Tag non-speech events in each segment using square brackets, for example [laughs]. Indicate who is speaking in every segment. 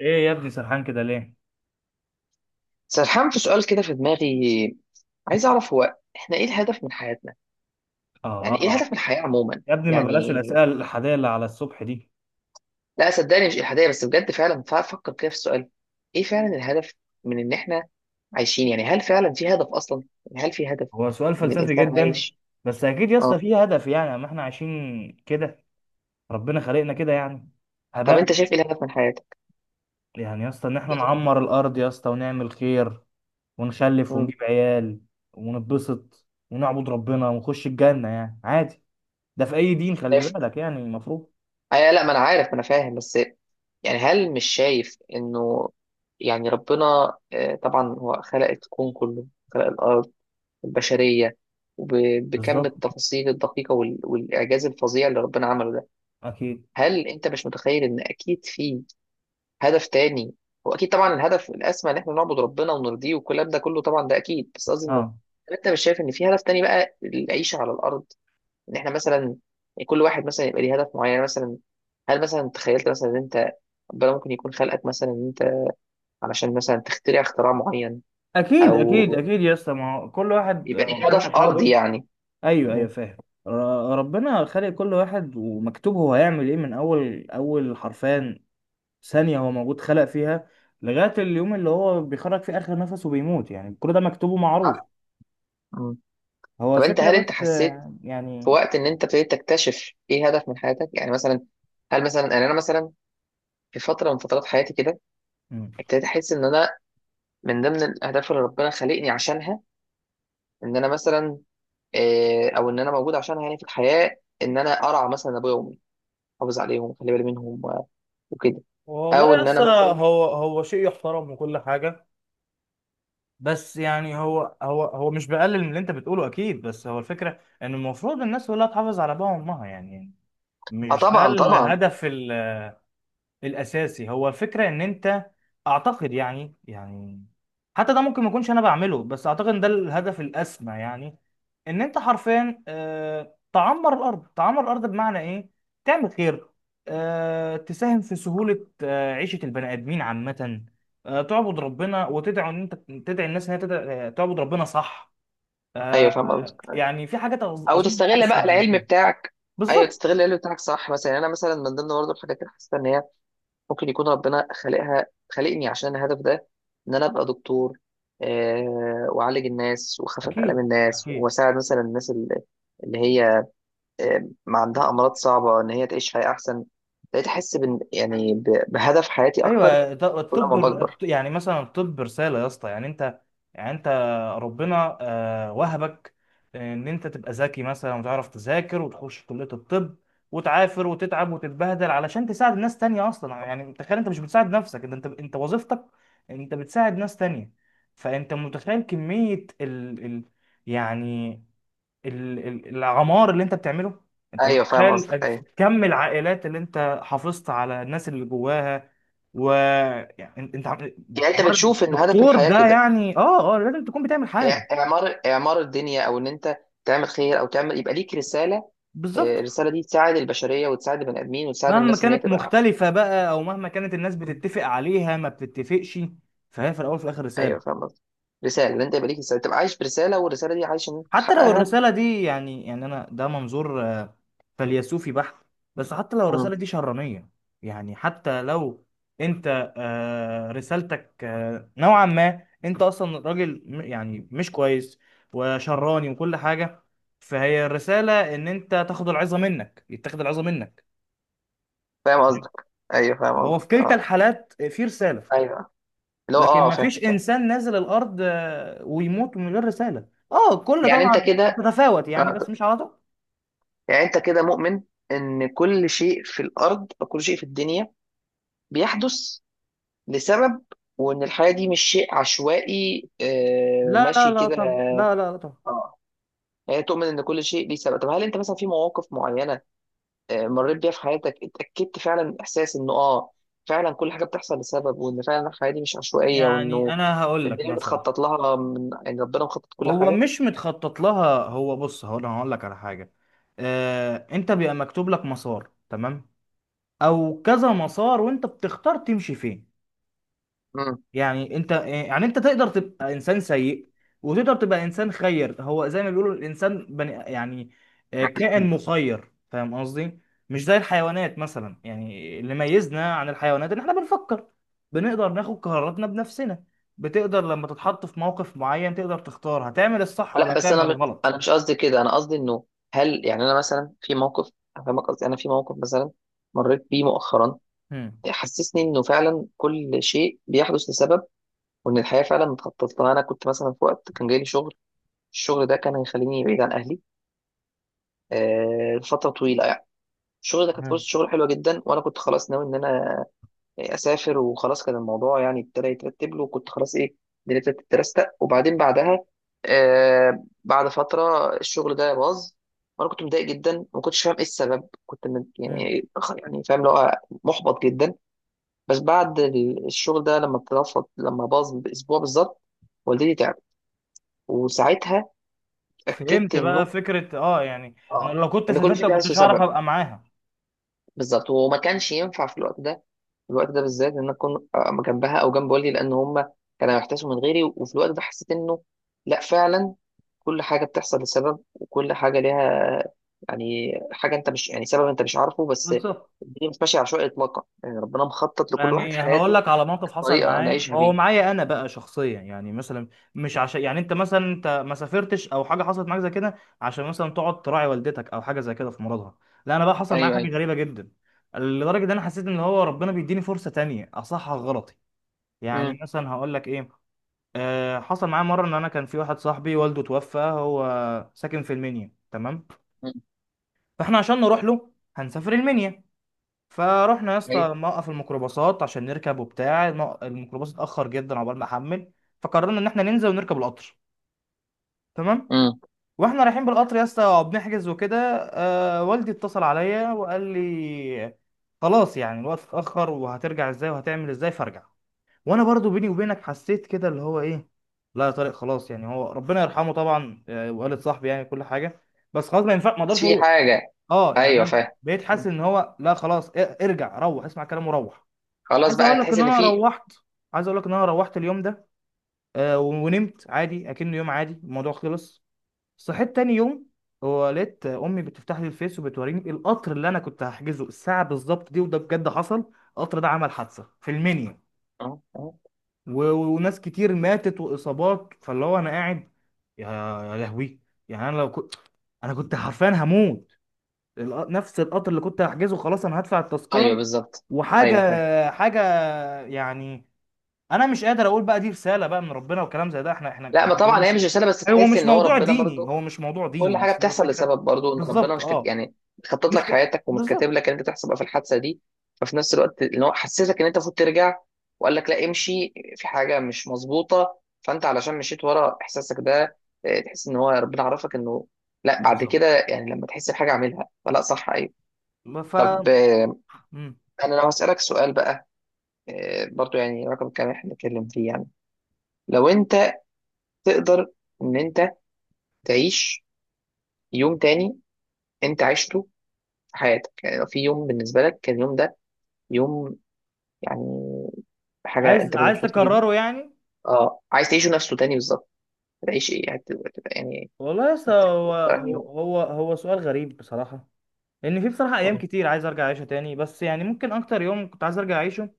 Speaker 1: ايه يا ابني سرحان كده ليه؟
Speaker 2: سرحان في سؤال كده في دماغي. عايز اعرف هو احنا ايه الهدف من حياتنا.
Speaker 1: آه,
Speaker 2: يعني ايه
Speaker 1: اه
Speaker 2: الهدف من الحياة عموما
Speaker 1: يا ابني ما بلاش
Speaker 2: يعني.
Speaker 1: الاسئله الاحاديه اللي على الصبح دي.
Speaker 2: لا، صدقني مش الحادية بس، بجد فعلا فكر كده في السؤال. ايه فعلا الهدف من ان احنا عايشين؟ يعني هل فعلا في هدف اصلا؟ يعني هل في هدف
Speaker 1: هو سؤال
Speaker 2: ان
Speaker 1: فلسفي
Speaker 2: الانسان
Speaker 1: جدا.
Speaker 2: عايش؟
Speaker 1: بس اكيد يا اسطى
Speaker 2: اه.
Speaker 1: فيه هدف، يعني ما احنا عايشين كده. ربنا خلقنا كده يعني.
Speaker 2: طب
Speaker 1: هباء.
Speaker 2: انت شايف ايه الهدف من حياتك؟
Speaker 1: يعني يا اسطى ان احنا
Speaker 2: ايه ده؟
Speaker 1: نعمر الارض يا اسطى ونعمل خير ونخلف
Speaker 2: امم.
Speaker 1: ونجيب عيال ونتبسط ونعبد ربنا ونخش الجنه، يعني عادي. ده في اي دين، خلي
Speaker 2: شايف.
Speaker 1: بالك، يعني المفروض.
Speaker 2: آه، لا، ما انا عارف، ما انا فاهم، بس يعني هل مش شايف انه يعني ربنا، طبعا هو خلق الكون كله، خلق الارض البشرية، وبكم
Speaker 1: بالظبط.
Speaker 2: التفاصيل الدقيقة والإعجاز الفظيع اللي ربنا عمله ده.
Speaker 1: اكيد.
Speaker 2: هل أنت مش متخيل إن أكيد في هدف تاني؟ وأكيد طبعا الهدف الأسمى إن إحنا نعبد ربنا ونرضيه والكلام ده كله طبعا ده أكيد، بس قصدي إنه
Speaker 1: اه.
Speaker 2: هل أنت مش شايف إن في هدف تاني بقى العيشة على الأرض؟ إن إحنا مثلا كل واحد مثلا يبقى ليه هدف معين، يعني مثلا هل مثلا تخيلت مثلا إن أنت ربنا ممكن يكون خلقك مثلا إن أنت علشان مثلا تخترع اختراع معين؟
Speaker 1: اكيد اكيد
Speaker 2: أو
Speaker 1: اكيد يا اسطى، ما هو كل واحد
Speaker 2: يبقى ليك
Speaker 1: ربنا
Speaker 2: هدف أرضي
Speaker 1: خلقه.
Speaker 2: يعني.
Speaker 1: ايوه ايوه فاهم. ر- ربنا خلق كل واحد ومكتوب هو هيعمل ايه من اول حرفان ثانية هو موجود خلق فيها لغاية اليوم اللي هو بيخرج فيه اخر نفس وبيموت، يعني كل ده مكتوب ومعروف.
Speaker 2: مم.
Speaker 1: هو
Speaker 2: طب انت
Speaker 1: الفكرة
Speaker 2: هل انت
Speaker 1: بس
Speaker 2: حسيت في
Speaker 1: يعني.
Speaker 2: وقت ان انت ابتديت تكتشف ايه هدف من حياتك؟ يعني مثلا هل مثلا يعني انا مثلا في فتره من فترات حياتي كده
Speaker 1: مم.
Speaker 2: ابتديت احس ان انا من ضمن الاهداف اللي ربنا خلقني عشانها ان انا مثلا، او ان انا موجود عشانها يعني في الحياه ان انا ارعى مثلا ابويا وامي، احافظ عليهم واخلي بالي منهم وكده.
Speaker 1: والله
Speaker 2: او
Speaker 1: يا
Speaker 2: ان
Speaker 1: اسطى،
Speaker 2: انا مثلا،
Speaker 1: هو شيء يحترم وكل حاجه. بس يعني هو مش بقلل من اللي انت بتقوله، اكيد، بس هو الفكره ان المفروض الناس كلها تحافظ على ابائها وامها يعني.
Speaker 2: اه
Speaker 1: مش ده
Speaker 2: طبعا، طبعا.
Speaker 1: الهدف الاساسي؟ هو فكره ان انت، اعتقد يعني يعني، حتى ده ممكن ما اكونش انا بعمله، بس اعتقد ان ده الهدف الاسمى يعني. ان انت حرفيا تعمر الارض. تعمر الارض بمعنى ايه؟ تعمل خير، تساهم في سهوله عيشه البني ادمين عامه، تعبد ربنا وتدعو ان انت تدعي الناس ان هي تعبد ربنا، صح؟
Speaker 2: ايوه فاهم قصدك.
Speaker 1: يعني في حاجات
Speaker 2: او
Speaker 1: اظن
Speaker 2: تستغل بقى
Speaker 1: اسمى من
Speaker 2: العلم
Speaker 1: كده.
Speaker 2: بتاعك. ايوه
Speaker 1: بالظبط.
Speaker 2: تستغل العلم بتاعك، صح، مثلا يعني انا مثلا من ضمن برضه الحاجات اللي حسيت ان هي ممكن يكون ربنا خلقها، خلقني عشان الهدف ده ان انا ابقى دكتور. واعالج الناس واخفف الام
Speaker 1: اكيد
Speaker 2: الناس
Speaker 1: اكيد
Speaker 2: واساعد مثلا الناس اللي هي ما عندها امراض صعبه ان هي تعيش حياه احسن. بقيت احس يعني بهدف حياتي اكتر
Speaker 1: ايوه.
Speaker 2: كل
Speaker 1: الطب،
Speaker 2: ما بكبر.
Speaker 1: يعني مثلا الطب رساله يا اسطى. يعني انت، يعني انت ربنا وهبك ان انت تبقى ذكي مثلا وتعرف تذاكر وتخش كليه الطب وتعافر وتتعب وتتبهدل علشان تساعد ناس تانية اصلا. يعني تخيل، انت مش بتساعد نفسك، انت وظيفتك انت بتساعد ناس تانية. فانت متخيل كميه ال... ال... يعني العمار اللي انت بتعمله؟ انت
Speaker 2: ايوه فاهم قصدك،
Speaker 1: متخيل
Speaker 2: ايوه.
Speaker 1: كم العائلات اللي انت حافظت على الناس اللي جواها؟ و، يعني
Speaker 2: يعني انت
Speaker 1: حوار
Speaker 2: بتشوف ان هدف
Speaker 1: الدكتور
Speaker 2: الحياه
Speaker 1: ده
Speaker 2: كده
Speaker 1: يعني، اه اه، لازم تكون بتعمل حاجه.
Speaker 2: اعمار اعمار الدنيا، او ان انت تعمل خير، او تعمل يبقى ليك رساله.
Speaker 1: بالظبط.
Speaker 2: الرساله دي تساعد البشريه وتساعد البني ادمين وتساعد
Speaker 1: مهما
Speaker 2: الناس ان هي
Speaker 1: كانت
Speaker 2: تبقى احسن.
Speaker 1: مختلفه بقى، او مهما كانت الناس بتتفق عليها ما بتتفقش، فهي في الاول وفي الاخر
Speaker 2: ايوه
Speaker 1: رساله.
Speaker 2: فاهم قصدك. رساله، اللي انت يبقى ليك رساله، تبقى عايش برساله، والرساله دي عايش ان انت
Speaker 1: حتى لو
Speaker 2: تحققها.
Speaker 1: الرساله دي، يعني يعني انا ده منظور فيلسوفي بحت، بس حتى لو
Speaker 2: مم.
Speaker 1: الرسالة دي شرانية. يعني حتى لو انت رسالتك نوعا ما انت اصلا راجل يعني مش كويس وشراني وكل حاجة، فهي الرسالة ان انت تاخد العظة منك، يتاخد العظة منك.
Speaker 2: فاهم قصدك، ايوه فاهم
Speaker 1: فهو في
Speaker 2: قصدك،
Speaker 1: كلتا
Speaker 2: اه.
Speaker 1: الحالات في رسالة.
Speaker 2: ايوه، اللي هو
Speaker 1: لكن
Speaker 2: اه، فاهم
Speaker 1: مفيش
Speaker 2: فاهم.
Speaker 1: انسان نازل الارض ويموت من غير رسالة. اه، كل
Speaker 2: يعني انت
Speaker 1: طبعا
Speaker 2: كده،
Speaker 1: تتفاوت يعني،
Speaker 2: آه.
Speaker 1: بس مش على طول.
Speaker 2: يعني انت كده مؤمن ان كل شيء في الارض او كل شيء في الدنيا بيحدث لسبب، وان الحياه دي مش شيء عشوائي
Speaker 1: لا لا
Speaker 2: ماشي
Speaker 1: لا
Speaker 2: كده.
Speaker 1: طب، لا طب.
Speaker 2: اه. يعني تؤمن ان كل شيء ليه سبب. طب هل انت مثلا في مواقف معينه مريت بيها في حياتك، اتأكدت فعلا من إحساس إنه فعلا كل حاجة بتحصل لسبب، وإن فعلا الحياة دي مش عشوائية،
Speaker 1: يعني
Speaker 2: وإنه
Speaker 1: انا هقول لك
Speaker 2: الدنيا
Speaker 1: مثلا.
Speaker 2: متخطط لها من، يعني ربنا مخطط كل
Speaker 1: هو
Speaker 2: حاجة.
Speaker 1: مش متخطط لها. هو بص، هقول، انا هقول لك على حاجه. انت بيبقى مكتوب لك مسار، تمام، او كذا مسار، وانت بتختار تمشي فين.
Speaker 2: مم.
Speaker 1: يعني انت، يعني انت تقدر تبقى انسان سيء وتقدر تبقى انسان خير. هو زي ما بيقولوا، الانسان بني يعني كائن مخير، فاهم قصدي؟ مش زي الحيوانات مثلا. يعني اللي ميزنا عن الحيوانات ان احنا بنفكر، بنقدر ناخد قراراتنا بنفسنا. بتقدر لما تتحط في موقف معين تقدر تختار، هتعمل الصح ولا
Speaker 2: لا، بس
Speaker 1: هتعمل
Speaker 2: أنا
Speaker 1: الغلط.
Speaker 2: أنا مش قصدي كده، أنا قصدي إنه هل يعني أنا مثلا في موقف، أفهمك قصدي، أنا في موقف مثلا مريت بيه مؤخرا
Speaker 1: مم.
Speaker 2: حسسني إنه فعلا كل شيء بيحدث لسبب وإن الحياة فعلا متخطط لها. أنا كنت مثلا في وقت كان جاي لي شغل، الشغل ده كان هيخليني بعيد عن أهلي لفترة طويلة. الشغل ده كانت
Speaker 1: تمام.
Speaker 2: فرصة شغل حلوة جدا، وأنا كنت خلاص ناوي إن أنا أسافر وخلاص، كان الموضوع يعني ابتدى يترتب له، وكنت خلاص إيه دنيتي تترستق، وبعدين بعدها بعد فترة الشغل ده باظ، وأنا كنت متضايق جدا وما كنتش فاهم إيه السبب، كنت من
Speaker 1: مم.
Speaker 2: يعني يعني فاهم اللي هو محبط جدا. بس بعد الشغل ده لما اترفض، لما باظ بأسبوع بالظبط، والدتي تعبت، وساعتها اتأكدت
Speaker 1: فهمت بقى
Speaker 2: إنه
Speaker 1: فكرة، اه يعني انا
Speaker 2: آه
Speaker 1: لو كنت
Speaker 2: إن كل
Speaker 1: سافرت
Speaker 2: شيء
Speaker 1: ما
Speaker 2: ده له
Speaker 1: كنتش هعرف
Speaker 2: سبب.
Speaker 1: ابقى معاها.
Speaker 2: بالظبط، وما كانش ينفع في الوقت ده، في الوقت ده بالذات ان انا اكون جنبها او جنب والدي، لان هم كانوا يحتاسوا من غيري، وفي الوقت ده حسيت انه لا فعلا كل حاجه بتحصل لسبب، وكل حاجه ليها يعني حاجه انت مش، يعني سبب انت مش عارفه، بس
Speaker 1: بالظبط.
Speaker 2: الدنيا مش ماشيه عشوائي اطلاقا، يعني ربنا مخطط لكل واحد
Speaker 1: يعني هقول
Speaker 2: حياته
Speaker 1: لك على موقف حصل
Speaker 2: بطريقه
Speaker 1: معايا
Speaker 2: نعيشها
Speaker 1: هو،
Speaker 2: بيه.
Speaker 1: معايا انا بقى شخصيا، يعني مثلا، مش عشان يعني انت مثلا انت ما سافرتش او حاجه حصلت معاك زي كده عشان مثلا تقعد تراعي والدتك او حاجه زي كده في مرضها. لا، انا بقى حصل معايا
Speaker 2: ايوه،
Speaker 1: حاجه
Speaker 2: ايوه.
Speaker 1: غريبه جدا، لدرجه ان انا حسيت ان هو ربنا بيديني فرصه تانية اصحح غلطي. يعني
Speaker 2: امم،
Speaker 1: مثلا هقول لك ايه. آه، حصل معايا مره ان انا كان في واحد صاحبي والده توفى، هو ساكن في المنيا، تمام. فاحنا عشان نروح له هنسافر المنيا. فروحنا يا
Speaker 2: ايوه،
Speaker 1: اسطى موقف الميكروباصات عشان نركب، وبتاع الميكروباص اتاخر جدا عقبال ما حمل. فقررنا ان احنا ننزل ونركب القطر، تمام.
Speaker 2: امم.
Speaker 1: واحنا رايحين بالقطر يا اسطى بنحجز وكده، آه، والدي اتصل عليا وقال لي خلاص، يعني الوقت اتاخر، وهترجع ازاي وهتعمل ازاي، فارجع. وانا برضو بيني وبينك حسيت كده اللي هو ايه، لا يا طارق خلاص، يعني هو ربنا يرحمه طبعا وقالت صاحبي يعني كل حاجه، بس خلاص ما ينفع، ما
Speaker 2: بس
Speaker 1: اقدرش
Speaker 2: في
Speaker 1: اروح.
Speaker 2: حاجه.
Speaker 1: اه، يعني
Speaker 2: ايوه
Speaker 1: انا
Speaker 2: فاهم.
Speaker 1: بقيت حاسس
Speaker 2: مم.
Speaker 1: ان هو لا خلاص، ارجع، روح اسمع كلامه، روح.
Speaker 2: خلاص
Speaker 1: عايز
Speaker 2: بقى
Speaker 1: اقول لك
Speaker 2: تحس
Speaker 1: ان
Speaker 2: ان
Speaker 1: انا
Speaker 2: في.
Speaker 1: روحت عايز اقول لك ان انا روحت اليوم ده ونمت عادي اكنه يوم عادي، الموضوع خلص. صحيت تاني يوم ولقيت امي بتفتح لي الفيس وبتوريني القطر اللي انا كنت هحجزه الساعه بالظبط دي، وده بجد حصل. القطر ده عمل حادثه في المنيا
Speaker 2: اه، اه،
Speaker 1: وناس كتير ماتت واصابات، فاللي هو انا قاعد، يا، يا لهوي. يعني انا لو كنت، انا كنت حرفيا هموت. نفس القطر اللي كنت هحجزه، خلاص انا هدفع
Speaker 2: ايوه
Speaker 1: التذكره
Speaker 2: بالظبط.
Speaker 1: وحاجه،
Speaker 2: ايوه فاهم.
Speaker 1: حاجه يعني. انا مش قادر اقول بقى دي رساله بقى من ربنا وكلام زي ده، احنا احنا.
Speaker 2: لا، ما
Speaker 1: هو
Speaker 2: طبعا هي
Speaker 1: مش
Speaker 2: مش رساله، بس
Speaker 1: هو
Speaker 2: تحس
Speaker 1: مش
Speaker 2: ان هو
Speaker 1: موضوع
Speaker 2: ربنا
Speaker 1: ديني،
Speaker 2: برضو
Speaker 1: هو مش موضوع
Speaker 2: كل
Speaker 1: ديني،
Speaker 2: حاجه
Speaker 1: بس هو
Speaker 2: بتحصل
Speaker 1: فكره.
Speaker 2: لسبب. برضو ان ربنا
Speaker 1: بالظبط.
Speaker 2: مش
Speaker 1: اه.
Speaker 2: يعني مخطط لك
Speaker 1: مش ك...
Speaker 2: حياتك، ومش كاتب
Speaker 1: بالظبط.
Speaker 2: لك ان انت تحصل بقى في الحادثه دي. ففي نفس الوقت ان هو حسسك ان انت المفروض ترجع، وقال لك لا، امشي في حاجه مش مظبوطه، فانت علشان مشيت ورا احساسك ده تحس ان هو ربنا عرفك انه لا، بعد
Speaker 1: بالظبط.
Speaker 2: كده يعني لما تحس بحاجه اعملها فلا، صح. ايوه.
Speaker 1: ف،
Speaker 2: طب
Speaker 1: مم.
Speaker 2: انا لو هسالك سؤال بقى، برضو يعني رقم كام احنا بنتكلم فيه، يعني لو انت تقدر ان انت تعيش يوم تاني انت عشته في حياتك، يعني لو في يوم بالنسبه لك كان اليوم ده يوم، يعني حاجه
Speaker 1: عايز،
Speaker 2: انت كنت
Speaker 1: عايز
Speaker 2: مبسوط فيه جدا.
Speaker 1: تكرره يعني؟
Speaker 2: اه عايز تعيشه نفسه تاني بالظبط. هتعيش ايه، هتبقى يعني
Speaker 1: والله لسه، هو
Speaker 2: هتبقى أنهي
Speaker 1: هو
Speaker 2: يوم؟
Speaker 1: هو هو سؤال غريب بصراحه. لان في بصراحه ايام كتير عايز ارجع اعيشها تاني، بس يعني ممكن اكتر يوم كنت عايز ارجع اعيشه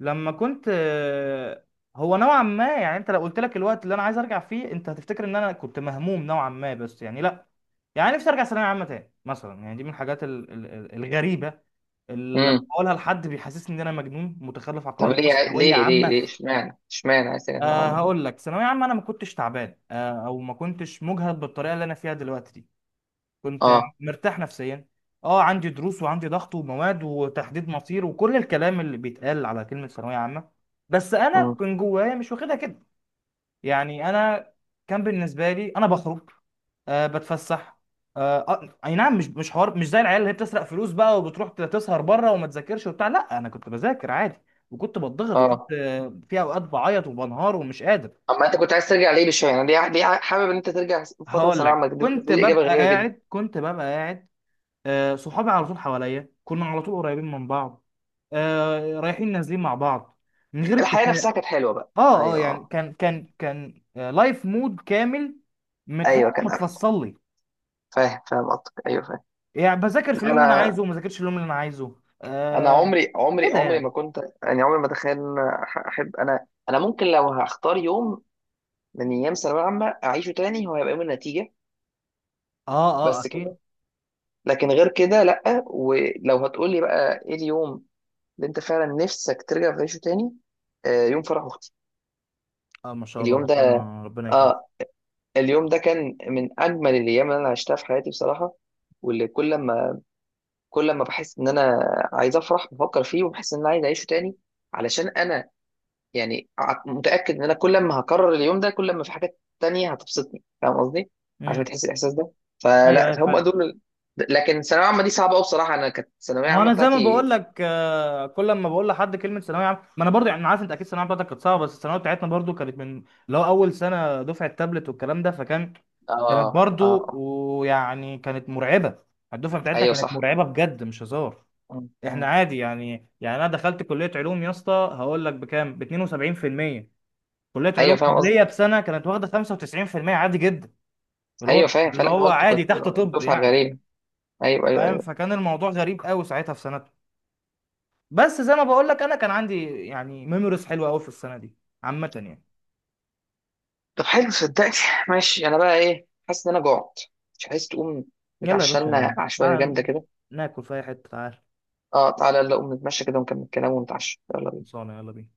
Speaker 1: لما كنت هو نوعا ما، يعني انت لو قلت لك الوقت اللي انا عايز ارجع فيه انت هتفتكر ان انا كنت مهموم نوعا ما، بس يعني لا. يعني نفسي ارجع ثانويه عامه تاني مثلا. يعني دي من الحاجات الغريبه، اللي لما
Speaker 2: امم.
Speaker 1: بقولها لحد بيحسسني ان انا مجنون متخلف عقليا،
Speaker 2: طب
Speaker 1: اللي هو
Speaker 2: ليه عاي-
Speaker 1: ثانويه
Speaker 2: ليه ليه
Speaker 1: عامه.
Speaker 2: ليه اشمعنى عايز ترجع
Speaker 1: آه،
Speaker 2: للعمر ده؟
Speaker 1: هقول لك، ثانويه عامه انا ما كنتش تعبان او ما كنتش مجهد بالطريقه اللي انا فيها دلوقتي دي. كنت
Speaker 2: اه،
Speaker 1: مرتاح نفسيا. اه عندي دروس وعندي ضغط ومواد وتحديد مصير وكل الكلام اللي بيتقال على كلمة ثانوية عامة، بس انا
Speaker 2: امم،
Speaker 1: كان جوايا مش واخدها كده. يعني انا كان بالنسبة لي انا بخرج، آه، بتفسح، اي نعم، مش حوار مش زي العيال اللي هي بتسرق فلوس بقى وبتروح تسهر بره وما تذاكرش وبتاع. لا، انا كنت بذاكر عادي وكنت بتضغط وكنت
Speaker 2: اه.
Speaker 1: في اوقات بعيط وبنهار ومش قادر.
Speaker 2: اما انت كنت عايز ترجع ليه بشويه، يعني ليه حابب ان انت ترجع لفتره
Speaker 1: هقول
Speaker 2: ثانويه عامه
Speaker 1: لك،
Speaker 2: دي؟ بالنسبه لي اجابه غريبه جدا.
Speaker 1: كنت ببقى قاعد صحابي على طول حواليا، كنا على طول قريبين من بعض، رايحين نازلين مع بعض من غير
Speaker 2: الحياه
Speaker 1: اتفاق.
Speaker 2: نفسها كانت حلوه بقى؟
Speaker 1: اه اه،
Speaker 2: ايوه،
Speaker 1: يعني
Speaker 2: اه.
Speaker 1: كان لايف مود كامل، متحس
Speaker 2: ايوه
Speaker 1: انه
Speaker 2: كان أحلى.
Speaker 1: متفصل لي.
Speaker 2: فاهم فاهم قصدك، ايوه فاهم.
Speaker 1: يعني بذاكر في
Speaker 2: لا،
Speaker 1: اليوم اللي انا
Speaker 2: انا
Speaker 1: عايزه وما ذاكرش اليوم اللي انا عايزه.
Speaker 2: انا
Speaker 1: آه
Speaker 2: عمري عمري
Speaker 1: كده
Speaker 2: عمري ما
Speaker 1: يعني.
Speaker 2: كنت، يعني عمري ما اتخيل ان أنا احب، انا ممكن لو هختار يوم من ايام ثانويه عامه اعيشه تاني هو هيبقى يوم النتيجه.
Speaker 1: اه اه
Speaker 2: بس
Speaker 1: اكيد.
Speaker 2: كده. لكن غير كده لا، ولو هتقولي بقى ايه اليوم اللي انت فعلا نفسك ترجع تعيشه تاني، يوم فرح اختي.
Speaker 1: اه ما شاء الله،
Speaker 2: اليوم ده،
Speaker 1: ربنا يكرم.
Speaker 2: اه، اليوم ده كان من اجمل الايام اللي انا عشتها في حياتي بصراحه، واللي كل ما بحس ان انا عايز افرح بفكر فيه وبحس ان انا عايز اعيشه تاني علشان انا يعني متأكد ان انا كل ما هكرر اليوم ده كل ما في حاجات تانية هتبسطني، فاهم قصدي؟ عشان
Speaker 1: امم.
Speaker 2: تحس الاحساس ده.
Speaker 1: ايوه
Speaker 2: فلا هم
Speaker 1: ايوه.
Speaker 2: دول لكن ثانوية عامة دي صعبة قوي بصراحة، انا كانت الثانوية
Speaker 1: ما هو
Speaker 2: عامة
Speaker 1: انا زي ما
Speaker 2: بتاعتي.
Speaker 1: بقول لك كل ما بقول لحد كلمه ثانويه عامه، ما انا برضو يعني، أنا عارف انت اكيد الثانويه بتاعتك كانت صعبه، بس الثانويه بتاعتنا برضو كانت من اللي هو اول سنه دفعه تابلت والكلام ده، فكان
Speaker 2: اه،
Speaker 1: كانت
Speaker 2: اه،
Speaker 1: برضو،
Speaker 2: آه.
Speaker 1: ويعني كانت مرعبه. الدفعه بتاعتنا
Speaker 2: ايوه
Speaker 1: كانت
Speaker 2: صح.
Speaker 1: مرعبه بجد، مش هزار. احنا
Speaker 2: م.
Speaker 1: عادي يعني، يعني انا دخلت كليه علوم يا اسطى هقول لك بكام، ب 72%. كليه علوم
Speaker 2: ايوه فاهم قصدي،
Speaker 1: قبليه بسنه كانت واخده 95% عادي جدا، اللي هو
Speaker 2: ايوه فاهم. فلا هو انتوا
Speaker 1: عادي
Speaker 2: كنت
Speaker 1: تحت طب
Speaker 2: دفعة
Speaker 1: يعني.
Speaker 2: غريبة. ايوه، ايوه،
Speaker 1: فاهم،
Speaker 2: ايوه.
Speaker 1: فكان الموضوع غريب قوي ساعتها في سنه. بس زي ما بقول لك، انا كان عندي يعني ميموريز حلوه قوي في السنه دي عامه يعني.
Speaker 2: طب حلو، صدقني. [laughs] ماشي، انا بقى ايه، حاسس ان انا جوعت، مش عايز تقوم
Speaker 1: يلا يا
Speaker 2: نتعشى لنا
Speaker 1: باشا،
Speaker 2: عشوائية جامدة
Speaker 1: تعال
Speaker 2: كده؟
Speaker 1: ناكل في اي حته، تعال.
Speaker 2: اه تعالى، يلا قوم نتمشى كده ونكمل كلام ونتعشى، يلا بينا.
Speaker 1: خلصانه، يلا بينا.